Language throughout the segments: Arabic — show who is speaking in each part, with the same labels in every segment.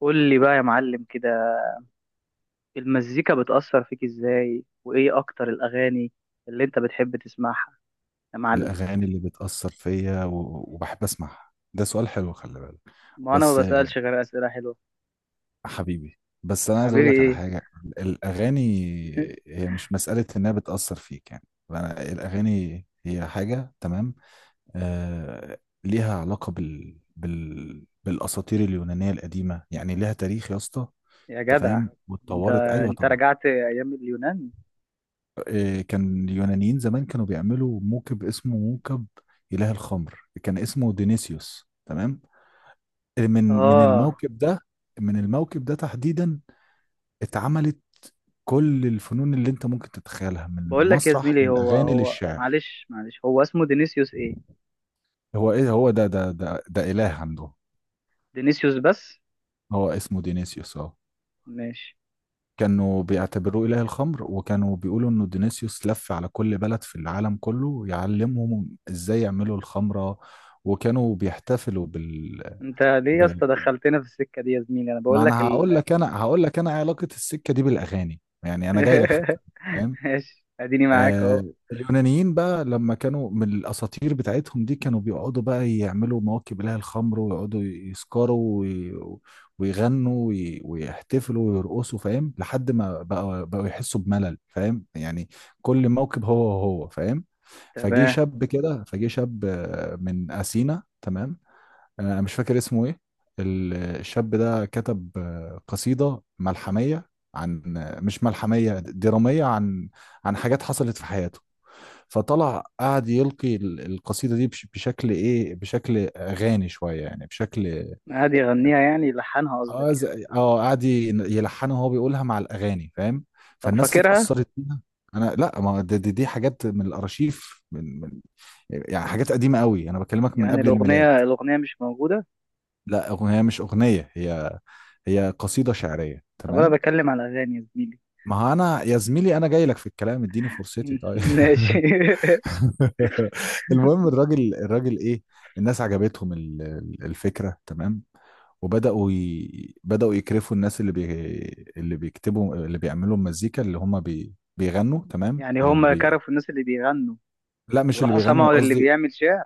Speaker 1: قول لي بقى يا معلم كده، المزيكا بتأثر فيك ازاي؟ وايه اكتر الاغاني اللي انت بتحب تسمعها يا معلم؟
Speaker 2: الأغاني اللي بتأثر فيا وبحب أسمعها. ده سؤال حلو، خلي بالك.
Speaker 1: ما انا ما
Speaker 2: بس
Speaker 1: بسألش غير اسئلة حلوة.
Speaker 2: حبيبي. بس أنا عايز أقول
Speaker 1: حبيبي
Speaker 2: لك على
Speaker 1: ايه؟
Speaker 2: حاجة، الأغاني هي مش مسألة إنها بتأثر فيك يعني. الأغاني هي حاجة، تمام. آه ليها علاقة بالأساطير اليونانية القديمة، يعني ليها تاريخ يا اسطى.
Speaker 1: يا
Speaker 2: أنت
Speaker 1: جدع!
Speaker 2: فاهم،
Speaker 1: انت
Speaker 2: واتطورت. أيوه
Speaker 1: انت
Speaker 2: طبعا.
Speaker 1: رجعت ايام اليونان؟
Speaker 2: كان اليونانيين زمان كانوا بيعملوا موكب، اسمه موكب إله الخمر، كان اسمه دينيسيوس، تمام. من
Speaker 1: اه.
Speaker 2: الموكب ده، من الموكب ده تحديدا، اتعملت كل الفنون اللي انت ممكن تتخيلها من
Speaker 1: بقول لك يا
Speaker 2: المسرح
Speaker 1: زميلي، هو
Speaker 2: للاغاني
Speaker 1: هو
Speaker 2: للشعر.
Speaker 1: معلش، هو اسمه دينيسيوس ايه؟
Speaker 2: هو ايه، هو ده اله عنده.
Speaker 1: دينيسيوس بس؟
Speaker 2: هو اسمه دينيسيوس، اه.
Speaker 1: ماشي.
Speaker 2: كانوا بيعتبروه اله الخمر، وكانوا بيقولوا انه دينيسيوس لف على كل بلد في العالم كله يعلمهم ازاي يعملوا الخمره، وكانوا بيحتفلوا
Speaker 1: انت ليه يا
Speaker 2: بال...
Speaker 1: اسطى دخلتنا في السكة دي يا زميلي؟ انا
Speaker 2: ما
Speaker 1: بقول لك
Speaker 2: انا هقول
Speaker 1: ال...
Speaker 2: لك انا هقول لك انا علاقه السكه دي بالاغاني، يعني انا جاي لك في الكلام.
Speaker 1: ماشي، اديني معاك اهو.
Speaker 2: آه اليونانيين بقى، لما كانوا من الأساطير بتاعتهم دي كانوا بيقعدوا بقى يعملوا مواكب لها الخمر، ويقعدوا يسكروا ويغنوا ويحتفلوا ويرقصوا، فاهم؟ لحد ما بقى بقوا يحسوا بملل، فاهم يعني، كل موكب هو فاهم.
Speaker 1: تمام.
Speaker 2: فجه شاب من أثينا، تمام. مش فاكر اسمه ايه. الشاب ده كتب قصيدة ملحمية عن مش ملحمية، درامية، عن حاجات حصلت في حياته. فطلع قعد يلقي القصيدة دي بشكل ايه، بشكل اغاني شوية، يعني بشكل،
Speaker 1: عادي يغنيها يعني؟ لحنها قصدك يعني؟
Speaker 2: قعد يلحنها وهو بيقولها مع الاغاني، فاهم.
Speaker 1: طب
Speaker 2: فالناس
Speaker 1: فاكرها؟
Speaker 2: اتأثرت بيها. انا لا، ما دي حاجات من الارشيف، من من يعني حاجات قديمة قوي، انا بكلمك من
Speaker 1: يعني
Speaker 2: قبل الميلاد.
Speaker 1: الأغنية مش موجودة؟
Speaker 2: لا، أغنية مش أغنية، هي قصيدة شعرية،
Speaker 1: طب أنا
Speaker 2: تمام.
Speaker 1: بتكلم على أغاني يا زميلي.
Speaker 2: ما هو أنا يا زميلي، أنا جاي لك في الكلام، اديني فرصتي، طيب.
Speaker 1: ماشي.
Speaker 2: المهم، الراجل إيه، الناس عجبتهم الفكرة، تمام. بدأوا يكرفوا الناس اللي بيكتبوا، اللي بيعملوا المزيكا، اللي هم بيغنوا، تمام،
Speaker 1: يعني هم كرفوا الناس اللي بيغنوا
Speaker 2: لا، مش اللي
Speaker 1: وراحوا
Speaker 2: بيغنوا
Speaker 1: سمعوا للي
Speaker 2: قصدي.
Speaker 1: بيعمل شعر؟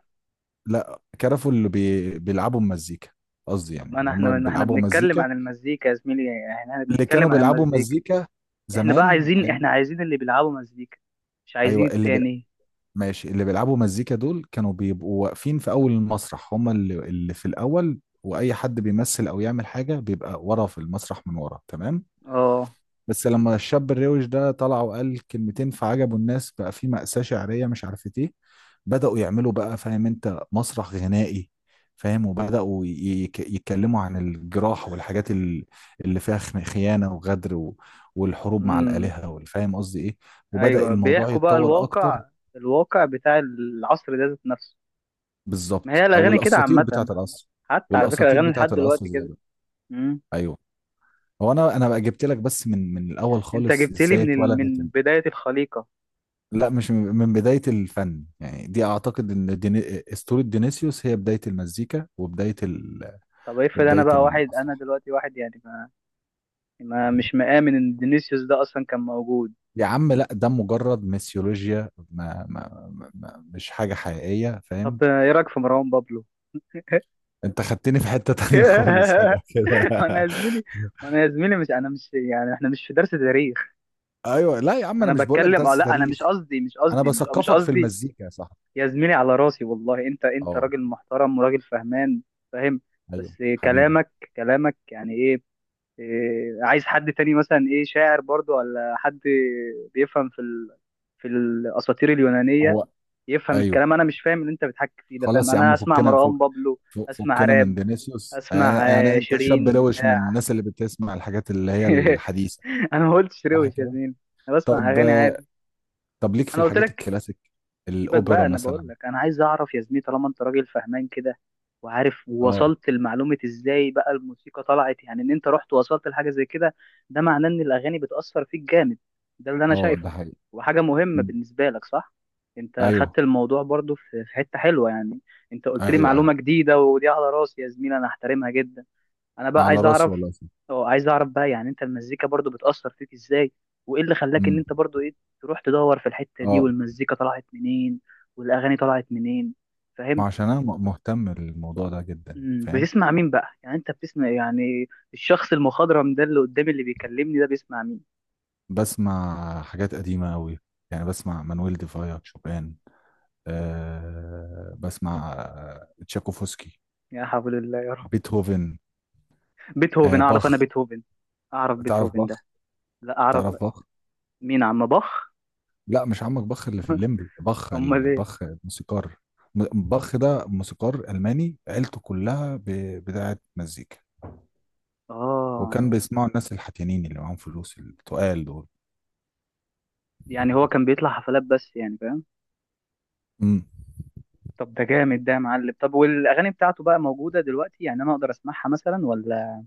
Speaker 2: لا، كرفوا اللي بيلعبوا المزيكا. قصدي
Speaker 1: طب
Speaker 2: يعني
Speaker 1: ما أنا
Speaker 2: اللي هم
Speaker 1: إحنا
Speaker 2: اللي
Speaker 1: ما إحنا
Speaker 2: بيلعبوا
Speaker 1: بنتكلم
Speaker 2: مزيكا.
Speaker 1: عن المزيكا يا زميلي، يعني إحنا
Speaker 2: اللي كانوا
Speaker 1: بنتكلم عن
Speaker 2: بيلعبوا
Speaker 1: المزيكا.
Speaker 2: مزيكا زمان، أيام.
Speaker 1: إحنا عايزين اللي بيلعبوا مزيكا، مش عايزين
Speaker 2: ايوه،
Speaker 1: التاني.
Speaker 2: ماشي، اللي بيلعبوا مزيكا دول كانوا بيبقوا واقفين في اول المسرح، هم اللي في الاول، واي حد بيمثل او يعمل حاجه بيبقى ورا في المسرح، من ورا، تمام.
Speaker 1: آه.
Speaker 2: بس لما الشاب الروش ده طلع وقال كلمتين فعجبوا الناس، بقى في مأساة شعرية مش عارفة ايه، بدأوا يعملوا بقى، فاهم انت، مسرح غنائي، فاهم، يتكلموا عن الجراح والحاجات اللي فيها خيانة وغدر والحروب مع
Speaker 1: أمم.
Speaker 2: الآلهة، والفاهم قصدي ايه. وبدأ
Speaker 1: أيوه،
Speaker 2: الموضوع
Speaker 1: بيحكوا بقى
Speaker 2: يتطور أكتر.
Speaker 1: الواقع، الواقع بتاع العصر ده ذات نفسه. ما هي
Speaker 2: بالظبط، أو
Speaker 1: الأغاني كده
Speaker 2: الأساطير بتاعة
Speaker 1: عامة.
Speaker 2: العصر.
Speaker 1: حتى على فكرة،
Speaker 2: والأساطير
Speaker 1: الأغاني
Speaker 2: بتاعة
Speaker 1: لحد
Speaker 2: العصر
Speaker 1: دلوقتي
Speaker 2: زي
Speaker 1: كده.
Speaker 2: ده، أيوه. هو أنا بقى جبت لك بس من الأول
Speaker 1: انت
Speaker 2: خالص،
Speaker 1: جبت لي
Speaker 2: إزاي اتولدت.
Speaker 1: من بداية الخليقة.
Speaker 2: لا مش من بداية الفن، يعني دي أعتقد إن أسطورة دينيسيوس هي بداية المزيكا وبداية
Speaker 1: طب افرض،
Speaker 2: وبداية
Speaker 1: انا
Speaker 2: المسرح.
Speaker 1: دلوقتي واحد، يعني ما مش مآمن ان فينيسيوس ده اصلا كان موجود.
Speaker 2: يا عم لا، ده مجرد ميثولوجيا، ما... ما... ما... ما... مش حاجة حقيقية،
Speaker 1: طب
Speaker 2: فاهم.
Speaker 1: ايه رايك في مروان بابلو؟
Speaker 2: أنت خدتني في حتة تانية خالص، فجأة كده.
Speaker 1: ما انا يا زميلي ما انا يا زميلي، مش انا، مش يعني احنا مش في درس تاريخ.
Speaker 2: أيوه لا يا عم، أنا
Speaker 1: انا
Speaker 2: مش بقول لك
Speaker 1: بتكلم،
Speaker 2: درس
Speaker 1: لا انا
Speaker 2: تاريخ.
Speaker 1: مش قصدي مش
Speaker 2: أنا
Speaker 1: قصدي مش مش
Speaker 2: بثقفك في
Speaker 1: قصدي
Speaker 2: المزيكا يا صاحبي.
Speaker 1: يا زميلي، على راسي والله، انت
Speaker 2: أه.
Speaker 1: راجل محترم وراجل فهمان. فاهم.
Speaker 2: أيوه
Speaker 1: بس
Speaker 2: حبيبي.
Speaker 1: كلامك يعني ايه؟ إيه، عايز حد تاني مثلا، شاعر برضو، ولا حد بيفهم في في الاساطير اليونانيه
Speaker 2: هو
Speaker 1: يفهم
Speaker 2: أيوه،
Speaker 1: الكلام؟ انا مش فاهم اللي انت بتحكي فيه ده، فاهم؟
Speaker 2: خلاص يا
Speaker 1: انا
Speaker 2: عم
Speaker 1: اسمع
Speaker 2: فكنا،
Speaker 1: مروان بابلو. اسمع
Speaker 2: فكنا من
Speaker 1: راب.
Speaker 2: فينيسيوس، يعني,
Speaker 1: اسمع
Speaker 2: يعني انت شاب
Speaker 1: شيرين
Speaker 2: روش من
Speaker 1: بتاع
Speaker 2: الناس اللي بتسمع الحاجات اللي هي الحديثة.
Speaker 1: انا ما قلتش شيرين
Speaker 2: صح كده.
Speaker 1: وشازين. انا بسمع
Speaker 2: طب.
Speaker 1: اغاني عادي.
Speaker 2: ليك في
Speaker 1: انا قلت
Speaker 2: الحاجات
Speaker 1: لك.
Speaker 2: الكلاسيك،
Speaker 1: سيبك بقى،
Speaker 2: الاوبرا
Speaker 1: انا بقول
Speaker 2: مثلا.
Speaker 1: لك انا عايز اعرف يا زميلي، طالما انت راجل فهمان كده، وعارف،
Speaker 2: اه.
Speaker 1: ووصلت لمعلومة ازاي بقى الموسيقى طلعت، يعني ان انت رحت ووصلت لحاجة زي كده. ده معناه ان الاغاني بتأثر فيك جامد، ده اللي انا
Speaker 2: اه، ده
Speaker 1: شايفه.
Speaker 2: حقيقي.
Speaker 1: وحاجة مهمة
Speaker 2: مم.
Speaker 1: بالنسبة لك، صح؟ انت خدت
Speaker 2: ايوه،
Speaker 1: الموضوع برضو في حتة حلوة يعني. انت قلت لي
Speaker 2: ايوه، ايوه،
Speaker 1: معلومة جديدة، ودي على راسي يا زميلي، انا احترمها جدا. انا بقى
Speaker 2: على
Speaker 1: عايز
Speaker 2: راسي
Speaker 1: اعرف.
Speaker 2: والله.
Speaker 1: اه، عايز اعرف بقى، يعني انت، المزيكا برضو بتأثر فيك ازاي؟ وايه اللي خلاك ان
Speaker 2: امم
Speaker 1: انت برضو ايه، تروح تدور في الحتة دي؟
Speaker 2: اه،
Speaker 1: والمزيكا طلعت منين؟ والاغاني طلعت منين؟
Speaker 2: ما
Speaker 1: فاهم؟
Speaker 2: عشان انا مهتم بالموضوع ده جدا، فاهم.
Speaker 1: بتسمع مين بقى؟ يعني انت بتسمع، يعني الشخص المخضرم ده اللي قدامي اللي بيكلمني ده بيسمع مين؟
Speaker 2: بسمع حاجات قديمة قوي، يعني بسمع مانويل ديفايا، شوبان، بسمع تشاكوفسكي،
Speaker 1: يا حول الله يا رب!
Speaker 2: بيتهوفن،
Speaker 1: بيتهوفن؟ اعرف انا
Speaker 2: باخ.
Speaker 1: بيتهوفن. اعرف
Speaker 2: تعرف
Speaker 1: بيتهوفن
Speaker 2: باخ؟
Speaker 1: ده. لا اعرف.
Speaker 2: تعرف باخ؟
Speaker 1: مين عم باخ؟
Speaker 2: لا مش عمك باخ اللي في الليمبي،
Speaker 1: امال ايه؟
Speaker 2: باخ الموسيقار. باخ ده موسيقار ألماني، عيلته كلها بتاعه مزيكا.
Speaker 1: اه.
Speaker 2: وكان بيسمعوا الناس الحتيانين اللي معاهم فلوس، التقال دول.
Speaker 1: يعني هو كان بيطلع حفلات بس يعني، فاهم؟
Speaker 2: امم.
Speaker 1: طب ده جامد ده يا معلم. طب والاغاني بتاعته بقى موجوده دلوقتي؟ يعني انا اقدر اسمعها مثلا، ولا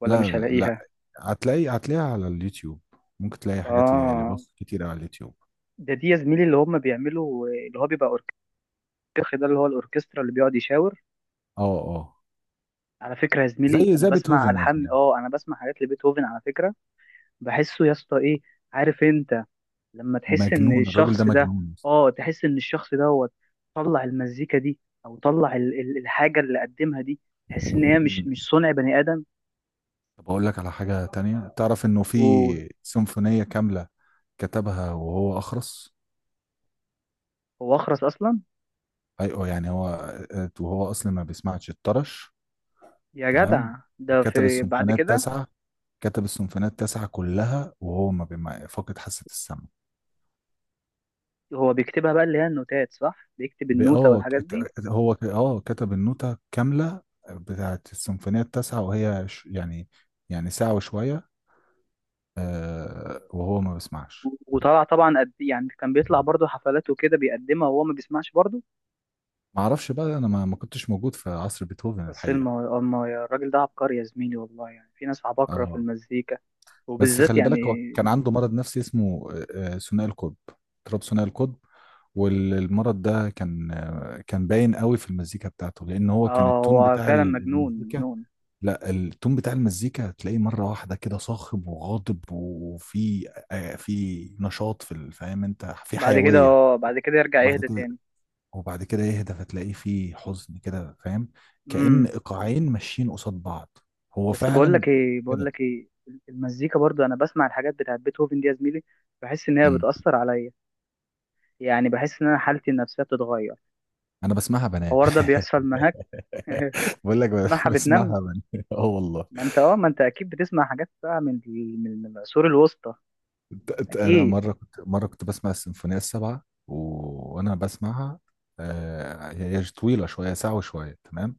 Speaker 1: ولا
Speaker 2: لا،
Speaker 1: مش
Speaker 2: لا، لا.
Speaker 1: هلاقيها؟
Speaker 2: هتلاقي، هتلاقيها على اليوتيوب. ممكن تلاقي حاجات
Speaker 1: اه.
Speaker 2: لباخ كتير على اليوتيوب.
Speaker 1: ده، دي يا زميلي اللي هم بيعملوا اللي هو بيبقى اوركسترا، ده اللي هو الاوركسترا اللي بيقعد يشاور.
Speaker 2: اه، اه،
Speaker 1: على فكره يا زميلي،
Speaker 2: زي
Speaker 1: انا
Speaker 2: زي
Speaker 1: بسمع
Speaker 2: بيتهوفن يا
Speaker 1: الحان،
Speaker 2: زميلي.
Speaker 1: انا بسمع حاجات لبيتهوفن على فكره. بحسه يا اسطى، ايه؟ عارف انت؟ لما تحس ان
Speaker 2: مجنون الراجل ده،
Speaker 1: الشخص ده،
Speaker 2: مجنون.
Speaker 1: اه، تحس ان الشخص دوت طلع المزيكا دي، او طلع الحاجه اللي قدمها دي، تحس ان هي مش
Speaker 2: مم.
Speaker 1: مش صنع بني ادم.
Speaker 2: طب اقول لك على حاجة تانية، تعرف انه في
Speaker 1: وهو
Speaker 2: سيمفونية كاملة كتبها وهو أخرس.
Speaker 1: اخرس اصلا؟
Speaker 2: أيوه يعني هو، وهو أصلا ما بيسمعش، الطرش،
Speaker 1: يا
Speaker 2: تمام.
Speaker 1: جدع، ده
Speaker 2: كتب
Speaker 1: في بعد
Speaker 2: السيمفونيات
Speaker 1: كده؟
Speaker 2: تسعة كتب السيمفونيات تسعة كلها وهو ما بيما فاقد حاسة السمع.
Speaker 1: هو بيكتبها بقى، اللي هي النوتات صح؟ بيكتب
Speaker 2: ب-
Speaker 1: النوتة
Speaker 2: اه
Speaker 1: والحاجات دي؟
Speaker 2: ات- هو ك- اه كتب النوتة كاملة. بتاعت السيمفونيات التاسعة، وهي يعني ساعة وشوية. وهو ما بيسمعش.
Speaker 1: وطلع طبعا قد، يعني كان بيطلع برضه حفلات وكده بيقدمها وهو ما بيسمعش برضه.
Speaker 2: ما اعرفش بقى، انا ما كنتش موجود في عصر بيتهوفن
Speaker 1: بس
Speaker 2: الحقيقة.
Speaker 1: الراجل ده عبقري يا زميلي والله، يعني في ناس عباقرة في
Speaker 2: اه.
Speaker 1: المزيكا،
Speaker 2: بس
Speaker 1: وبالذات
Speaker 2: خلي
Speaker 1: يعني.
Speaker 2: بالك، هو كان عنده مرض نفسي اسمه ثنائي القطب، اضطراب ثنائي القطب. والمرض ده كان كان باين قوي في المزيكا بتاعته، لان هو كان
Speaker 1: اه،
Speaker 2: التون
Speaker 1: هو
Speaker 2: بتاع
Speaker 1: فعلا مجنون
Speaker 2: المزيكا.
Speaker 1: مجنون.
Speaker 2: لا، التون بتاع المزيكا تلاقيه مره واحده كده صاخب وغاضب، وفي في نشاط، في فاهم انت، في حيويه.
Speaker 1: بعد كده يرجع
Speaker 2: وبعد
Speaker 1: يهدى
Speaker 2: كده
Speaker 1: تاني.
Speaker 2: وبعد كده يهدى، فتلاقيه في حزن كده، فاهم. كأن
Speaker 1: امم.
Speaker 2: ايقاعين ماشيين قصاد بعض. هو
Speaker 1: بس بقول لك
Speaker 2: فعلا
Speaker 1: ايه، بقول
Speaker 2: كده.
Speaker 1: لك ايه، المزيكا برضه، انا بسمع الحاجات بتاعت بيتهوفن دي يا زميلي، بحس ان هي
Speaker 2: مم.
Speaker 1: بتأثر عليا. يعني بحس ان انا حالتي النفسيه بتتغير.
Speaker 2: انا بسمعها بنام،
Speaker 1: الحوار ده بيحصل معاك؟
Speaker 2: بقول لك
Speaker 1: معها بتنام؟
Speaker 2: بسمعها من اه والله.
Speaker 1: ما انت اكيد بتسمع حاجات بقى من ال- من من العصور الوسطى.
Speaker 2: انا
Speaker 1: اكيد.
Speaker 2: مره كنت بسمع السيمفونيه السبعه وانا بسمعها. هي طويله شويه، ساعه وشويه، تمام.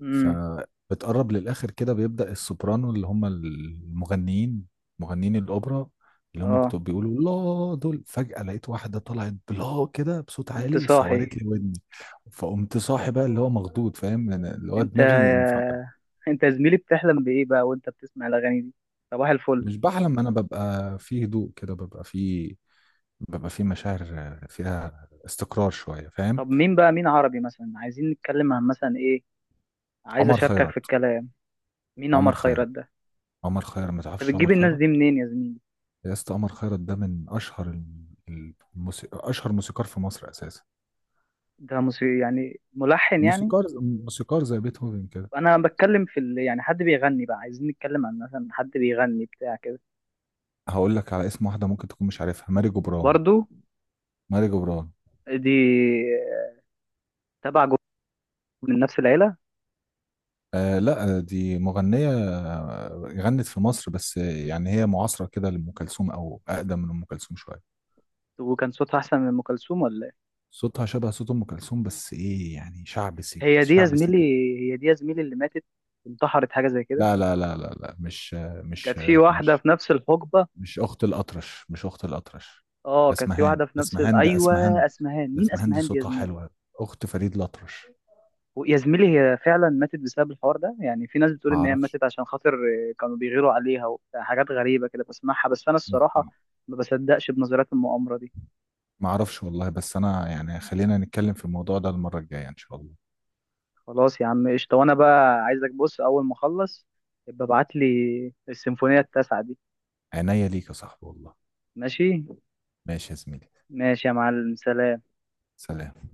Speaker 1: امم.
Speaker 2: فبتقرب للاخر كده بيبدا السوبرانو، اللي هم المغنيين، مغنيين الاوبرا، اللي هم
Speaker 1: اه،
Speaker 2: بتوع بيقولوا. لا دول، فجاه لقيت واحده طلعت بلا كده بصوت
Speaker 1: قمت
Speaker 2: عالي،
Speaker 1: صاحي.
Speaker 2: سورت لي ودني، فقمت صاحي بقى، اللي هو مخضوض، فاهم يعني، اللي هو
Speaker 1: انت
Speaker 2: دماغي.
Speaker 1: انت يا زميلي، بتحلم بايه بقى وانت بتسمع الاغاني دي؟ صباح الفل.
Speaker 2: مش بحلم، انا ببقى في هدوء كده، ببقى في مشاعر فيها استقرار شويه، فاهم.
Speaker 1: طب مين عربي مثلا، عايزين نتكلم عن مثلا ايه؟ عايز
Speaker 2: عمر
Speaker 1: اشاركك في
Speaker 2: خيرت.
Speaker 1: الكلام. مين عمر
Speaker 2: عمر
Speaker 1: خيرت
Speaker 2: خيرت.
Speaker 1: ده؟
Speaker 2: عمر خيرت، ما
Speaker 1: انت
Speaker 2: تعرفش
Speaker 1: بتجيب
Speaker 2: عمر
Speaker 1: الناس
Speaker 2: خيرت؟
Speaker 1: دي منين يا زميلي؟
Speaker 2: يا اسطى، عمر خيرت ده من اشهر موسيقار في مصر اساسا.
Speaker 1: ده موسيقى يعني، ملحن يعني؟
Speaker 2: موسيقار، موسيقار زي بيتهوفن كده.
Speaker 1: انا بتكلم في ال... يعني حد بيغني بقى، عايزين نتكلم عن مثلا حد بيغني بتاع كده.
Speaker 2: هقول لك على اسم واحده ممكن تكون مش عارفها، ماري جبران.
Speaker 1: برضو؟
Speaker 2: ماري جبران،
Speaker 1: دي تبع جروب؟ من نفس العيله؟
Speaker 2: آه لا، دي مغنيه غنت في مصر بس، يعني هي معاصره كده لام كلثوم، او اقدم من ام كلثوم شويه.
Speaker 1: وكان صوتها احسن من ام كلثوم، ولا ايه؟
Speaker 2: صوتها شبه صوت ام كلثوم، بس ايه يعني شعب سيك،
Speaker 1: هي دي يا
Speaker 2: شعب سيك.
Speaker 1: زميلي، هي دي يا زميلي اللي ماتت، انتحرت حاجه زي كده؟
Speaker 2: لا، لا، لا، لا، لا، مش
Speaker 1: كانت في واحده
Speaker 2: مش
Speaker 1: في نفس الحقبه.
Speaker 2: مش اخت الاطرش، مش اخت الاطرش.
Speaker 1: اه كانت في
Speaker 2: اسمهان
Speaker 1: واحده في نفس ال...،
Speaker 2: اسمهان ده
Speaker 1: ايوه،
Speaker 2: اسمهان
Speaker 1: اسمهان.
Speaker 2: ده
Speaker 1: مين
Speaker 2: اسمهان دي
Speaker 1: اسمهان دي يا
Speaker 2: صوتها
Speaker 1: زميلي؟
Speaker 2: حلوه، اخت فريد الاطرش.
Speaker 1: يا زميلي، هي فعلا ماتت بسبب الحوار ده؟ يعني في ناس بتقول
Speaker 2: ما
Speaker 1: ان هي
Speaker 2: اعرفش
Speaker 1: ماتت عشان خاطر كانوا بيغيروا عليها، وحاجات غريبه كده بسمعها، بس انا
Speaker 2: ما
Speaker 1: الصراحه
Speaker 2: ما-
Speaker 1: ما بصدقش بنظريات المؤامره دي.
Speaker 2: ما اعرفش والله، بس انا يعني خلينا نتكلم في الموضوع ده المره الجايه ان شاء الله.
Speaker 1: خلاص يا عم، قشطة. وانا بقى عايزك، بص، اول ما اخلص يبقى ابعت لي السيمفونية التاسعة دي.
Speaker 2: عينيا ليك يا صاحبي والله.
Speaker 1: ماشي.
Speaker 2: ماشي يا زميلي،
Speaker 1: ماشي يا معلم، سلام.
Speaker 2: سلام.